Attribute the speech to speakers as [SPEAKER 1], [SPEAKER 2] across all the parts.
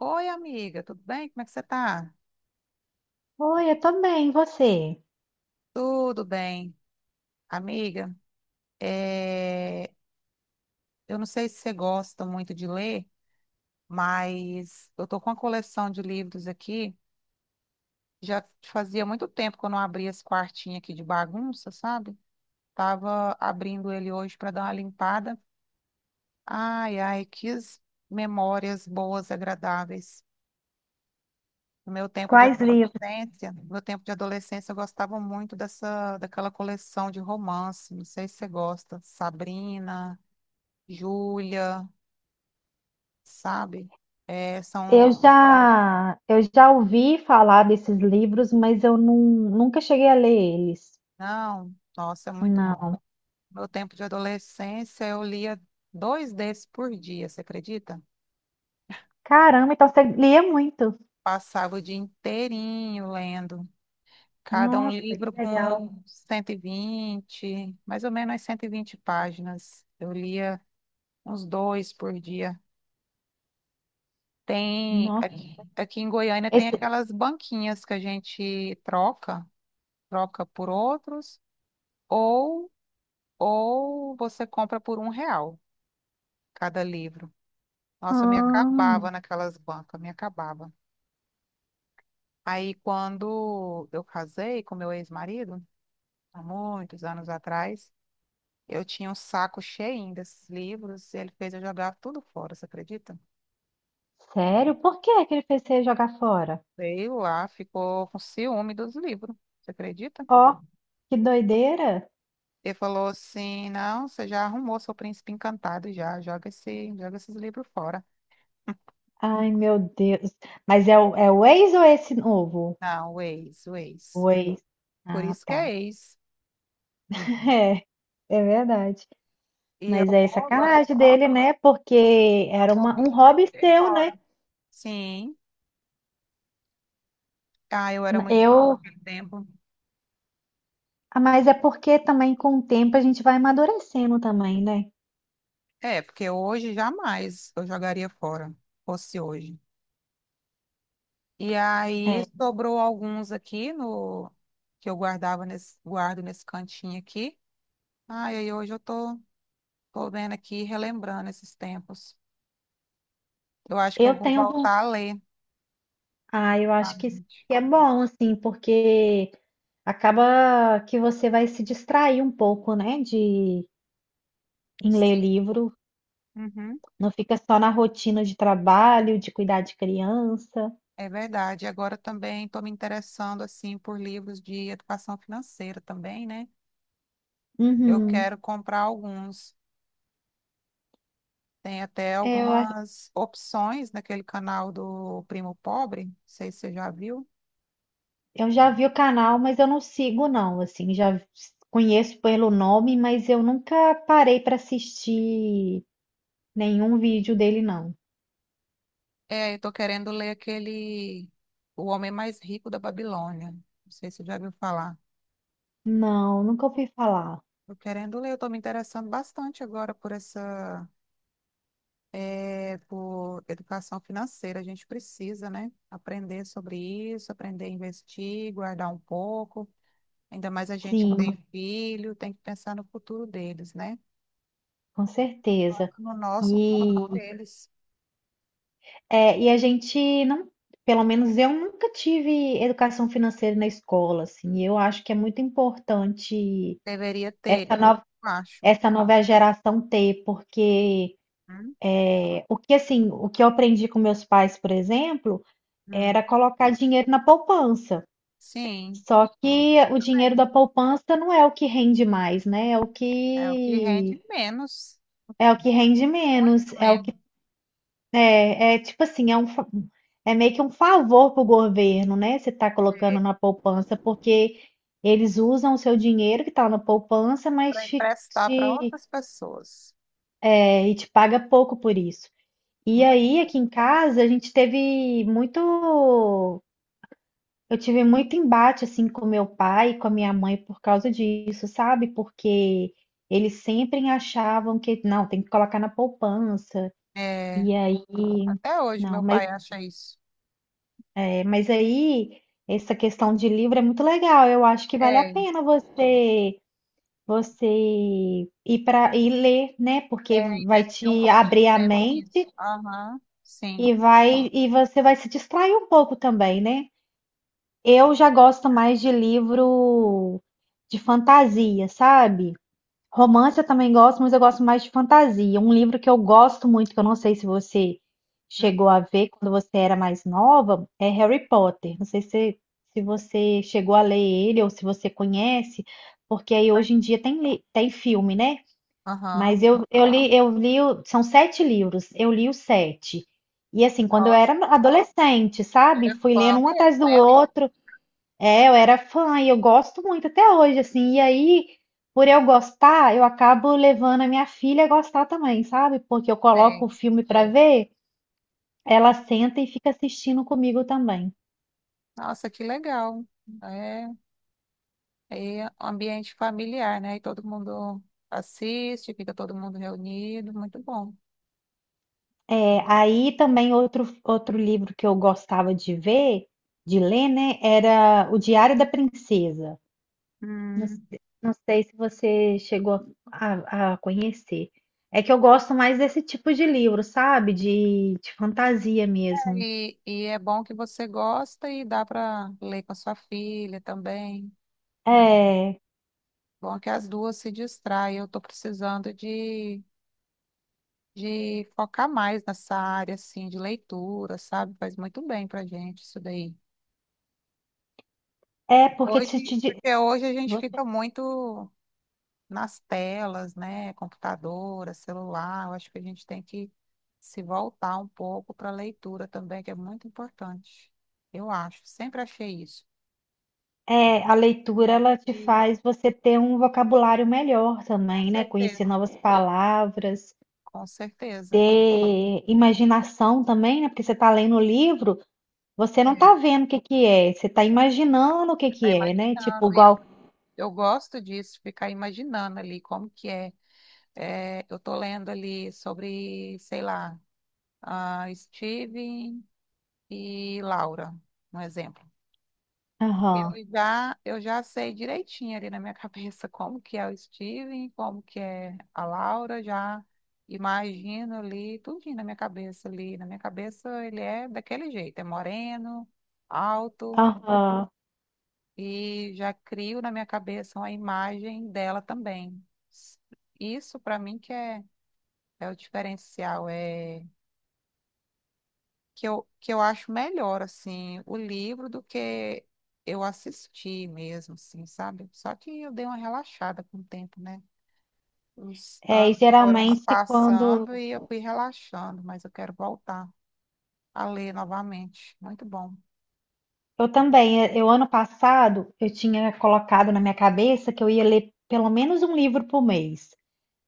[SPEAKER 1] Oi, amiga, tudo bem? Como é que você tá?
[SPEAKER 2] Oi, eu tô bem, e você?
[SPEAKER 1] Tudo bem. Amiga, é, eu não sei se você gosta muito de ler, mas eu tô com uma coleção de livros aqui. Já fazia muito tempo que eu não abria esse quartinho aqui de bagunça, sabe? Tava abrindo ele hoje para dar uma limpada. Ai, ai, que memórias boas, agradáveis. No meu tempo de
[SPEAKER 2] Quais livros?
[SPEAKER 1] adolescência, no meu tempo de adolescência, eu gostava muito daquela coleção de romance. Não sei se você gosta. Sabrina, Júlia, sabe? É, são uns...
[SPEAKER 2] Eu já ouvi falar desses livros, mas eu nunca cheguei a ler eles.
[SPEAKER 1] Não, nossa, é muito bom.
[SPEAKER 2] Não.
[SPEAKER 1] No meu tempo de adolescência, eu lia dois desses por dia, você acredita?
[SPEAKER 2] Caramba, então você lia muito.
[SPEAKER 1] Passava o dia inteirinho lendo. Cada um
[SPEAKER 2] Nossa, que
[SPEAKER 1] livro
[SPEAKER 2] legal.
[SPEAKER 1] com 120, mais ou menos umas 120 páginas. Eu lia uns dois por dia. Tem,
[SPEAKER 2] Nossa,
[SPEAKER 1] aqui em Goiânia tem
[SPEAKER 2] esse...
[SPEAKER 1] aquelas banquinhas que a gente troca, troca por outros, ou, ou você compra por R$1 cada livro. Nossa, eu me
[SPEAKER 2] Ah,
[SPEAKER 1] acabava naquelas bancas, me acabava. Aí quando eu casei com meu ex-marido, há muitos anos atrás, eu tinha um saco cheinho desses livros e ele fez eu jogar tudo fora, você acredita?
[SPEAKER 2] sério? Por que que ele fez você jogar fora?
[SPEAKER 1] Veio lá, ficou com ciúme dos livros, você acredita?
[SPEAKER 2] Ó, que doideira.
[SPEAKER 1] Ele falou assim: não, você já arrumou seu príncipe encantado já, joga esse, joga esses livros fora.
[SPEAKER 2] Ai, meu Deus. Mas é o ex ou esse novo?
[SPEAKER 1] Não, o ex, o ex.
[SPEAKER 2] O ex.
[SPEAKER 1] Por
[SPEAKER 2] Ah,
[SPEAKER 1] isso que é
[SPEAKER 2] tá.
[SPEAKER 1] ex. Uhum.
[SPEAKER 2] É, é verdade.
[SPEAKER 1] E eu
[SPEAKER 2] Mas é
[SPEAKER 1] boba, né?
[SPEAKER 2] sacanagem dele, né? Porque
[SPEAKER 1] Eu
[SPEAKER 2] era um
[SPEAKER 1] bobinha,
[SPEAKER 2] hobby
[SPEAKER 1] joguei
[SPEAKER 2] seu,
[SPEAKER 1] fora.
[SPEAKER 2] né?
[SPEAKER 1] Sim. Ah, eu era muito boba
[SPEAKER 2] Eu,
[SPEAKER 1] naquele tempo.
[SPEAKER 2] ah, mas é porque também com o tempo a gente vai amadurecendo também, né?
[SPEAKER 1] É, porque hoje jamais eu jogaria fora, fosse hoje. E aí
[SPEAKER 2] É.
[SPEAKER 1] sobrou alguns aqui no que eu guardava nesse, guardo nesse cantinho aqui. Ah, e aí hoje eu tô vendo aqui, relembrando esses tempos. Eu acho que eu
[SPEAKER 2] Eu
[SPEAKER 1] vou
[SPEAKER 2] tenho, von-
[SPEAKER 1] voltar a ler
[SPEAKER 2] ah, eu acho que isso
[SPEAKER 1] novamente.
[SPEAKER 2] é bom, assim, porque acaba que você vai se distrair um pouco, né? De em ler
[SPEAKER 1] Sim.
[SPEAKER 2] livro,
[SPEAKER 1] Uhum,
[SPEAKER 2] não fica só na rotina de trabalho, de cuidar de criança.
[SPEAKER 1] é verdade. Agora também estou me interessando assim por livros de educação financeira também, né? Eu
[SPEAKER 2] Uhum.
[SPEAKER 1] quero comprar alguns. Tem até
[SPEAKER 2] É, eu
[SPEAKER 1] algumas opções naquele canal do Primo Pobre. Não sei se você já viu.
[SPEAKER 2] Já vi o canal, mas eu não sigo não, assim, já conheço pelo nome, mas eu nunca parei para assistir nenhum vídeo dele não.
[SPEAKER 1] É, eu tô querendo ler aquele O Homem Mais Rico da Babilônia. Não sei se você já viu falar.
[SPEAKER 2] Não, nunca ouvi falar.
[SPEAKER 1] Tô querendo ler, eu tô me interessando bastante agora por por educação financeira. A gente precisa, né, aprender sobre isso, aprender a investir, guardar um pouco. Ainda mais a gente que tem
[SPEAKER 2] Sim,
[SPEAKER 1] filho, tem que pensar no futuro deles, né?
[SPEAKER 2] com certeza.
[SPEAKER 1] Tanto no nosso,
[SPEAKER 2] E
[SPEAKER 1] como deles.
[SPEAKER 2] é, e a gente não, pelo menos eu nunca tive educação financeira na escola, assim. E eu acho que é muito importante
[SPEAKER 1] Deveria
[SPEAKER 2] essa
[SPEAKER 1] ter,
[SPEAKER 2] nova
[SPEAKER 1] eu acho.
[SPEAKER 2] essa nova geração ter, porque
[SPEAKER 1] Hum,
[SPEAKER 2] é, o que assim, o que eu aprendi com meus pais, por exemplo,
[SPEAKER 1] hum.
[SPEAKER 2] Era colocar dinheiro na poupança.
[SPEAKER 1] Sim,
[SPEAKER 2] Só que o dinheiro
[SPEAKER 1] também.
[SPEAKER 2] da poupança não é o que rende mais, né?
[SPEAKER 1] É o que rende menos,
[SPEAKER 2] É o que rende menos,
[SPEAKER 1] muito
[SPEAKER 2] é o
[SPEAKER 1] menos,
[SPEAKER 2] que é, é tipo assim, é é meio que um favor pro governo, né? Você tá colocando na poupança porque eles usam o seu dinheiro que tá na poupança,
[SPEAKER 1] para emprestar para
[SPEAKER 2] te-
[SPEAKER 1] outras pessoas.
[SPEAKER 2] é, e te paga pouco por isso. E
[SPEAKER 1] Muito.
[SPEAKER 2] aí, aqui em casa, a gente teve muito eu tive muito embate assim com meu pai e com a minha mãe por causa disso, sabe? Porque eles sempre achavam que não, tem que colocar na poupança.
[SPEAKER 1] É,
[SPEAKER 2] E aí,
[SPEAKER 1] até hoje
[SPEAKER 2] não,
[SPEAKER 1] meu
[SPEAKER 2] mas
[SPEAKER 1] pai acha isso.
[SPEAKER 2] é, mas aí essa questão de livro é muito legal. Eu acho que vale a
[SPEAKER 1] É.
[SPEAKER 2] pena você ir para ir ler, né? Porque
[SPEAKER 1] É, e
[SPEAKER 2] vai
[SPEAKER 1] percebi um
[SPEAKER 2] te
[SPEAKER 1] pouco do
[SPEAKER 2] abrir a
[SPEAKER 1] tempo disso.
[SPEAKER 2] mente
[SPEAKER 1] Aham, sim.
[SPEAKER 2] e vai e você vai se distrair um pouco também, né? Eu já gosto mais de livro de fantasia, sabe? Romance eu também gosto, mas eu gosto mais de fantasia. Um livro que eu gosto muito, que eu não sei se você
[SPEAKER 1] Hum,
[SPEAKER 2] chegou a ver quando você era mais nova, é Harry Potter. Não sei se, se você chegou a ler ele ou se você conhece, porque aí hoje em dia tem, tem filme, né?
[SPEAKER 1] Aham.
[SPEAKER 2] Mas eu, eu li, o- são sete livros, eu li os sete. E assim, quando eu
[SPEAKER 1] Nossa,
[SPEAKER 2] era adolescente, sabe?
[SPEAKER 1] era
[SPEAKER 2] Fui
[SPEAKER 1] fã
[SPEAKER 2] lendo um
[SPEAKER 1] mesmo,
[SPEAKER 2] atrás do
[SPEAKER 1] né,
[SPEAKER 2] outro. É, eu era fã e eu gosto muito até hoje, assim. E aí, por eu gostar, eu acabo levando a minha filha a gostar também, sabe? Porque eu coloco o
[SPEAKER 1] amiga?
[SPEAKER 2] filme pra ver, ela senta e fica assistindo comigo também.
[SPEAKER 1] Nossa, que legal. É, é ambiente familiar, né? E todo mundo assiste, fica todo mundo reunido, muito bom.
[SPEAKER 2] É, aí também outro livro que eu gostava de ver, de ler, né, era O Diário da Princesa. Não,
[SPEAKER 1] Hum.
[SPEAKER 2] não sei se você chegou a conhecer. É que eu gosto mais desse tipo de livro, sabe? De fantasia mesmo.
[SPEAKER 1] E é bom que você gosta e dá para ler com a sua filha também, né?
[SPEAKER 2] É.
[SPEAKER 1] Bom que as duas se distraem. Eu estou precisando de focar mais nessa área, assim, de leitura, sabe? Faz muito bem pra gente isso daí.
[SPEAKER 2] É, porque
[SPEAKER 1] Hoje, porque hoje a gente
[SPEAKER 2] você-
[SPEAKER 1] fica muito nas telas, né? Computadora, celular. Eu acho que a gente tem que se voltar um pouco para a leitura também, que é muito importante. Eu acho, sempre achei isso.
[SPEAKER 2] é, a leitura
[SPEAKER 1] Só
[SPEAKER 2] ela te
[SPEAKER 1] que,
[SPEAKER 2] faz você ter um vocabulário melhor
[SPEAKER 1] com
[SPEAKER 2] também, né?
[SPEAKER 1] certeza.
[SPEAKER 2] Conhecer novas palavras,
[SPEAKER 1] Com certeza.
[SPEAKER 2] ter imaginação também, né? Porque você está lendo o livro, você
[SPEAKER 1] É,
[SPEAKER 2] não
[SPEAKER 1] você
[SPEAKER 2] está vendo o que que é, você está imaginando o que que
[SPEAKER 1] está
[SPEAKER 2] é, né? Tipo,
[SPEAKER 1] imaginando. E eu,
[SPEAKER 2] igual.
[SPEAKER 1] eu gosto disso, ficar imaginando ali como que é. É, eu tô lendo ali sobre, sei lá, a Steven e Laura, um exemplo. Eu
[SPEAKER 2] Aham,
[SPEAKER 1] já, eu já sei direitinho ali na minha cabeça como que é o Steven, como que é a Laura, já imagino ali, tudinho na minha cabeça ali. Na minha cabeça ele é daquele jeito, é moreno, alto,
[SPEAKER 2] aham.
[SPEAKER 1] e já crio na minha cabeça uma imagem dela também. Isso para mim que é, é o diferencial, é que eu acho melhor, assim, o livro do que eu assisti mesmo, assim, sabe? Só que eu dei uma relaxada com o tempo, né? Os
[SPEAKER 2] É, e
[SPEAKER 1] anos foram se
[SPEAKER 2] geralmente quando.
[SPEAKER 1] passando e eu fui relaxando, mas eu quero voltar a ler novamente. Muito bom.
[SPEAKER 2] Eu também, é, eu ano passado, eu tinha colocado na minha cabeça que eu ia ler pelo menos um livro por mês.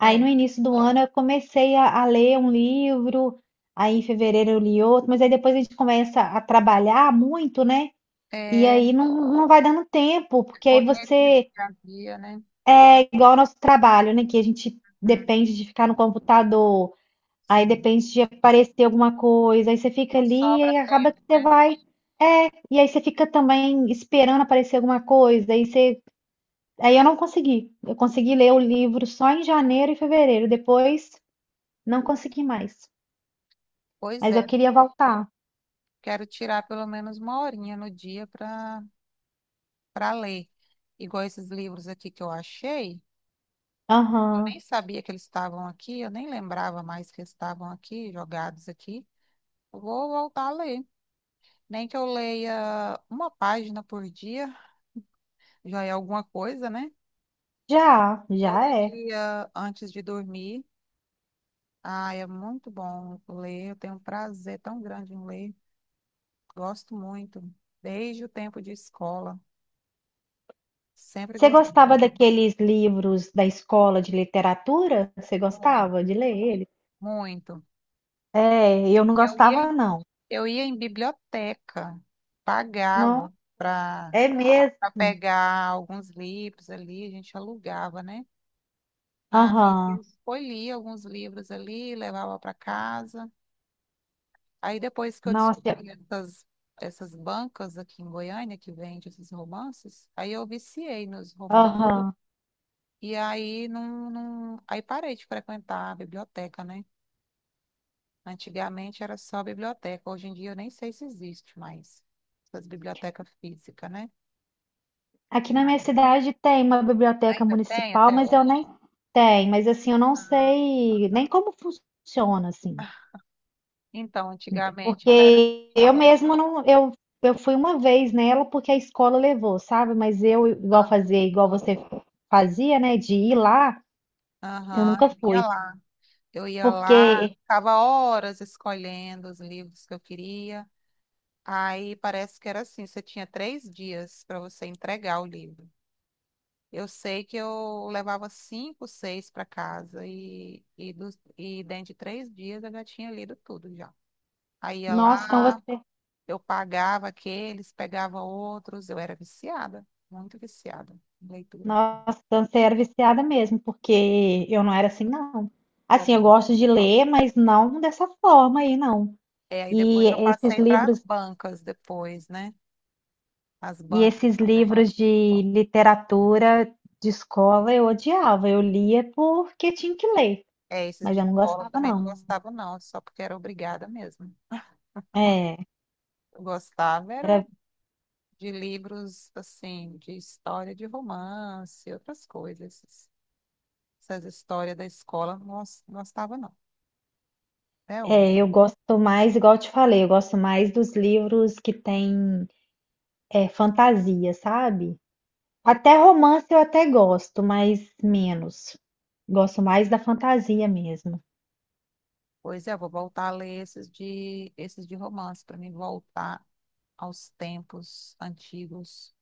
[SPEAKER 2] Aí
[SPEAKER 1] É,
[SPEAKER 2] no início do ano eu comecei a ler um livro, aí em fevereiro eu li outro, mas aí depois a gente começa a trabalhar muito, né? E
[SPEAKER 1] é
[SPEAKER 2] aí não, não vai dando tempo,
[SPEAKER 1] é
[SPEAKER 2] porque aí
[SPEAKER 1] correria do dia
[SPEAKER 2] você,
[SPEAKER 1] a dia, né?
[SPEAKER 2] igual ao nosso trabalho, né? Que a gente
[SPEAKER 1] Hum.
[SPEAKER 2] depende de ficar no computador, aí
[SPEAKER 1] Sim,
[SPEAKER 2] depende de aparecer alguma coisa, aí você fica
[SPEAKER 1] não
[SPEAKER 2] ali
[SPEAKER 1] sobra
[SPEAKER 2] e acaba
[SPEAKER 1] tempo,
[SPEAKER 2] que você
[SPEAKER 1] né?
[SPEAKER 2] vai. É, e aí você fica também esperando aparecer alguma coisa, aí você. Aí eu não consegui. Eu consegui ler o livro só em janeiro e fevereiro, depois não consegui mais.
[SPEAKER 1] Pois
[SPEAKER 2] Mas
[SPEAKER 1] é,
[SPEAKER 2] eu queria voltar.
[SPEAKER 1] quero tirar pelo menos uma horinha no dia para ler. Igual esses livros aqui que eu achei, eu nem
[SPEAKER 2] Aham.
[SPEAKER 1] sabia que eles estavam aqui, eu nem lembrava mais que eles estavam aqui, jogados aqui. Eu vou voltar a ler. Nem que eu leia uma página por dia, já é alguma coisa, né?
[SPEAKER 2] Já,
[SPEAKER 1] Todo
[SPEAKER 2] já é.
[SPEAKER 1] dia antes de dormir. Ah, é muito bom ler, eu tenho um prazer tão grande em ler. Gosto muito, desde o tempo de escola. Sempre
[SPEAKER 2] Você
[SPEAKER 1] gostei.
[SPEAKER 2] gostava daqueles livros da escola de literatura? Você
[SPEAKER 1] Muito,
[SPEAKER 2] gostava de ler ele?
[SPEAKER 1] muito.
[SPEAKER 2] É, eu não
[SPEAKER 1] Eu ia,
[SPEAKER 2] gostava, não.
[SPEAKER 1] eu ia em biblioteca,
[SPEAKER 2] Não,
[SPEAKER 1] pagava. Para
[SPEAKER 2] é mesmo.
[SPEAKER 1] pegar alguns livros ali, a gente alugava, né? Ah, e
[SPEAKER 2] Aham.
[SPEAKER 1] foi lia alguns livros ali, levava para casa. Aí depois que eu
[SPEAKER 2] Nossa, eu-
[SPEAKER 1] descobri essas bancas aqui em Goiânia que vende esses romances, aí eu viciei nos romances.
[SPEAKER 2] aham.
[SPEAKER 1] E aí não, não, aí parei de frequentar a biblioteca, né? Antigamente era só biblioteca, hoje em dia eu nem sei se existe mais essas bibliotecas físicas, né?
[SPEAKER 2] Aqui na minha
[SPEAKER 1] Ai.
[SPEAKER 2] cidade tem uma biblioteca
[SPEAKER 1] Ainda tem
[SPEAKER 2] municipal,
[SPEAKER 1] até
[SPEAKER 2] mas eu
[SPEAKER 1] hoje?
[SPEAKER 2] nem tem, mas assim, eu não sei nem como funciona assim.
[SPEAKER 1] Então, antigamente eu era.
[SPEAKER 2] Porque eu mesma não, eu fui uma vez nela porque a escola levou, sabe? Mas eu, igual
[SPEAKER 1] Ah,
[SPEAKER 2] fazer, igual você fazia, né? De ir lá, eu
[SPEAKER 1] aham,
[SPEAKER 2] nunca
[SPEAKER 1] eu ia
[SPEAKER 2] fui.
[SPEAKER 1] lá. Eu ia lá,
[SPEAKER 2] Porque,
[SPEAKER 1] ficava horas escolhendo os livros que eu queria. Aí parece que era assim, você tinha 3 dias para você entregar o livro. Eu sei que eu levava cinco, seis para casa e dentro de 3 dias eu já tinha lido tudo já. Aí ia
[SPEAKER 2] nossa, então
[SPEAKER 1] lá,
[SPEAKER 2] você,
[SPEAKER 1] eu pagava aqueles, pegava outros, eu era viciada, muito viciada em leitura.
[SPEAKER 2] nossa, então você era viciada mesmo, porque eu não era assim, não. Assim, eu gosto de ler, mas não dessa forma aí, não.
[SPEAKER 1] É, aí
[SPEAKER 2] E
[SPEAKER 1] depois eu
[SPEAKER 2] esses
[SPEAKER 1] passei para as
[SPEAKER 2] livros,
[SPEAKER 1] bancas depois, né? As
[SPEAKER 2] e
[SPEAKER 1] bancas
[SPEAKER 2] esses
[SPEAKER 1] também.
[SPEAKER 2] livros de literatura de escola eu odiava. Eu lia porque tinha que ler,
[SPEAKER 1] É, esses
[SPEAKER 2] mas
[SPEAKER 1] de
[SPEAKER 2] eu não
[SPEAKER 1] escola
[SPEAKER 2] gostava,
[SPEAKER 1] também não
[SPEAKER 2] não.
[SPEAKER 1] gostava, não, só porque era obrigada mesmo.
[SPEAKER 2] É,
[SPEAKER 1] Eu gostava era
[SPEAKER 2] era,
[SPEAKER 1] de livros, assim, de história de romance, outras coisas. Essas histórias da escola eu não gostava, não, até hoje.
[SPEAKER 2] é, eu gosto mais, igual eu te falei, eu gosto mais dos livros que tem é, fantasia, sabe? Até romance eu até gosto, mas menos. Gosto mais da fantasia mesmo.
[SPEAKER 1] Pois é, eu vou voltar a ler esses de romance, para mim voltar aos tempos antigos.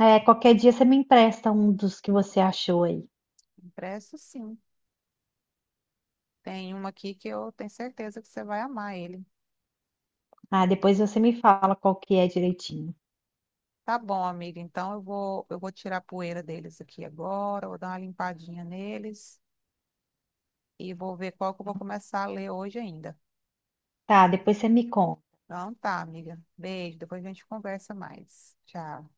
[SPEAKER 2] É, qualquer dia você me empresta um dos que você achou aí.
[SPEAKER 1] Impresso, sim. Tem uma aqui que eu tenho certeza que você vai amar ele.
[SPEAKER 2] Ah, depois você me fala qual que é direitinho.
[SPEAKER 1] Tá bom, amiga. Então eu vou tirar a poeira deles aqui agora, vou dar uma limpadinha neles e vou ver qual que eu vou começar a ler hoje ainda.
[SPEAKER 2] Tá, depois você me conta.
[SPEAKER 1] Então tá, amiga. Beijo. Depois a gente conversa mais. Tchau.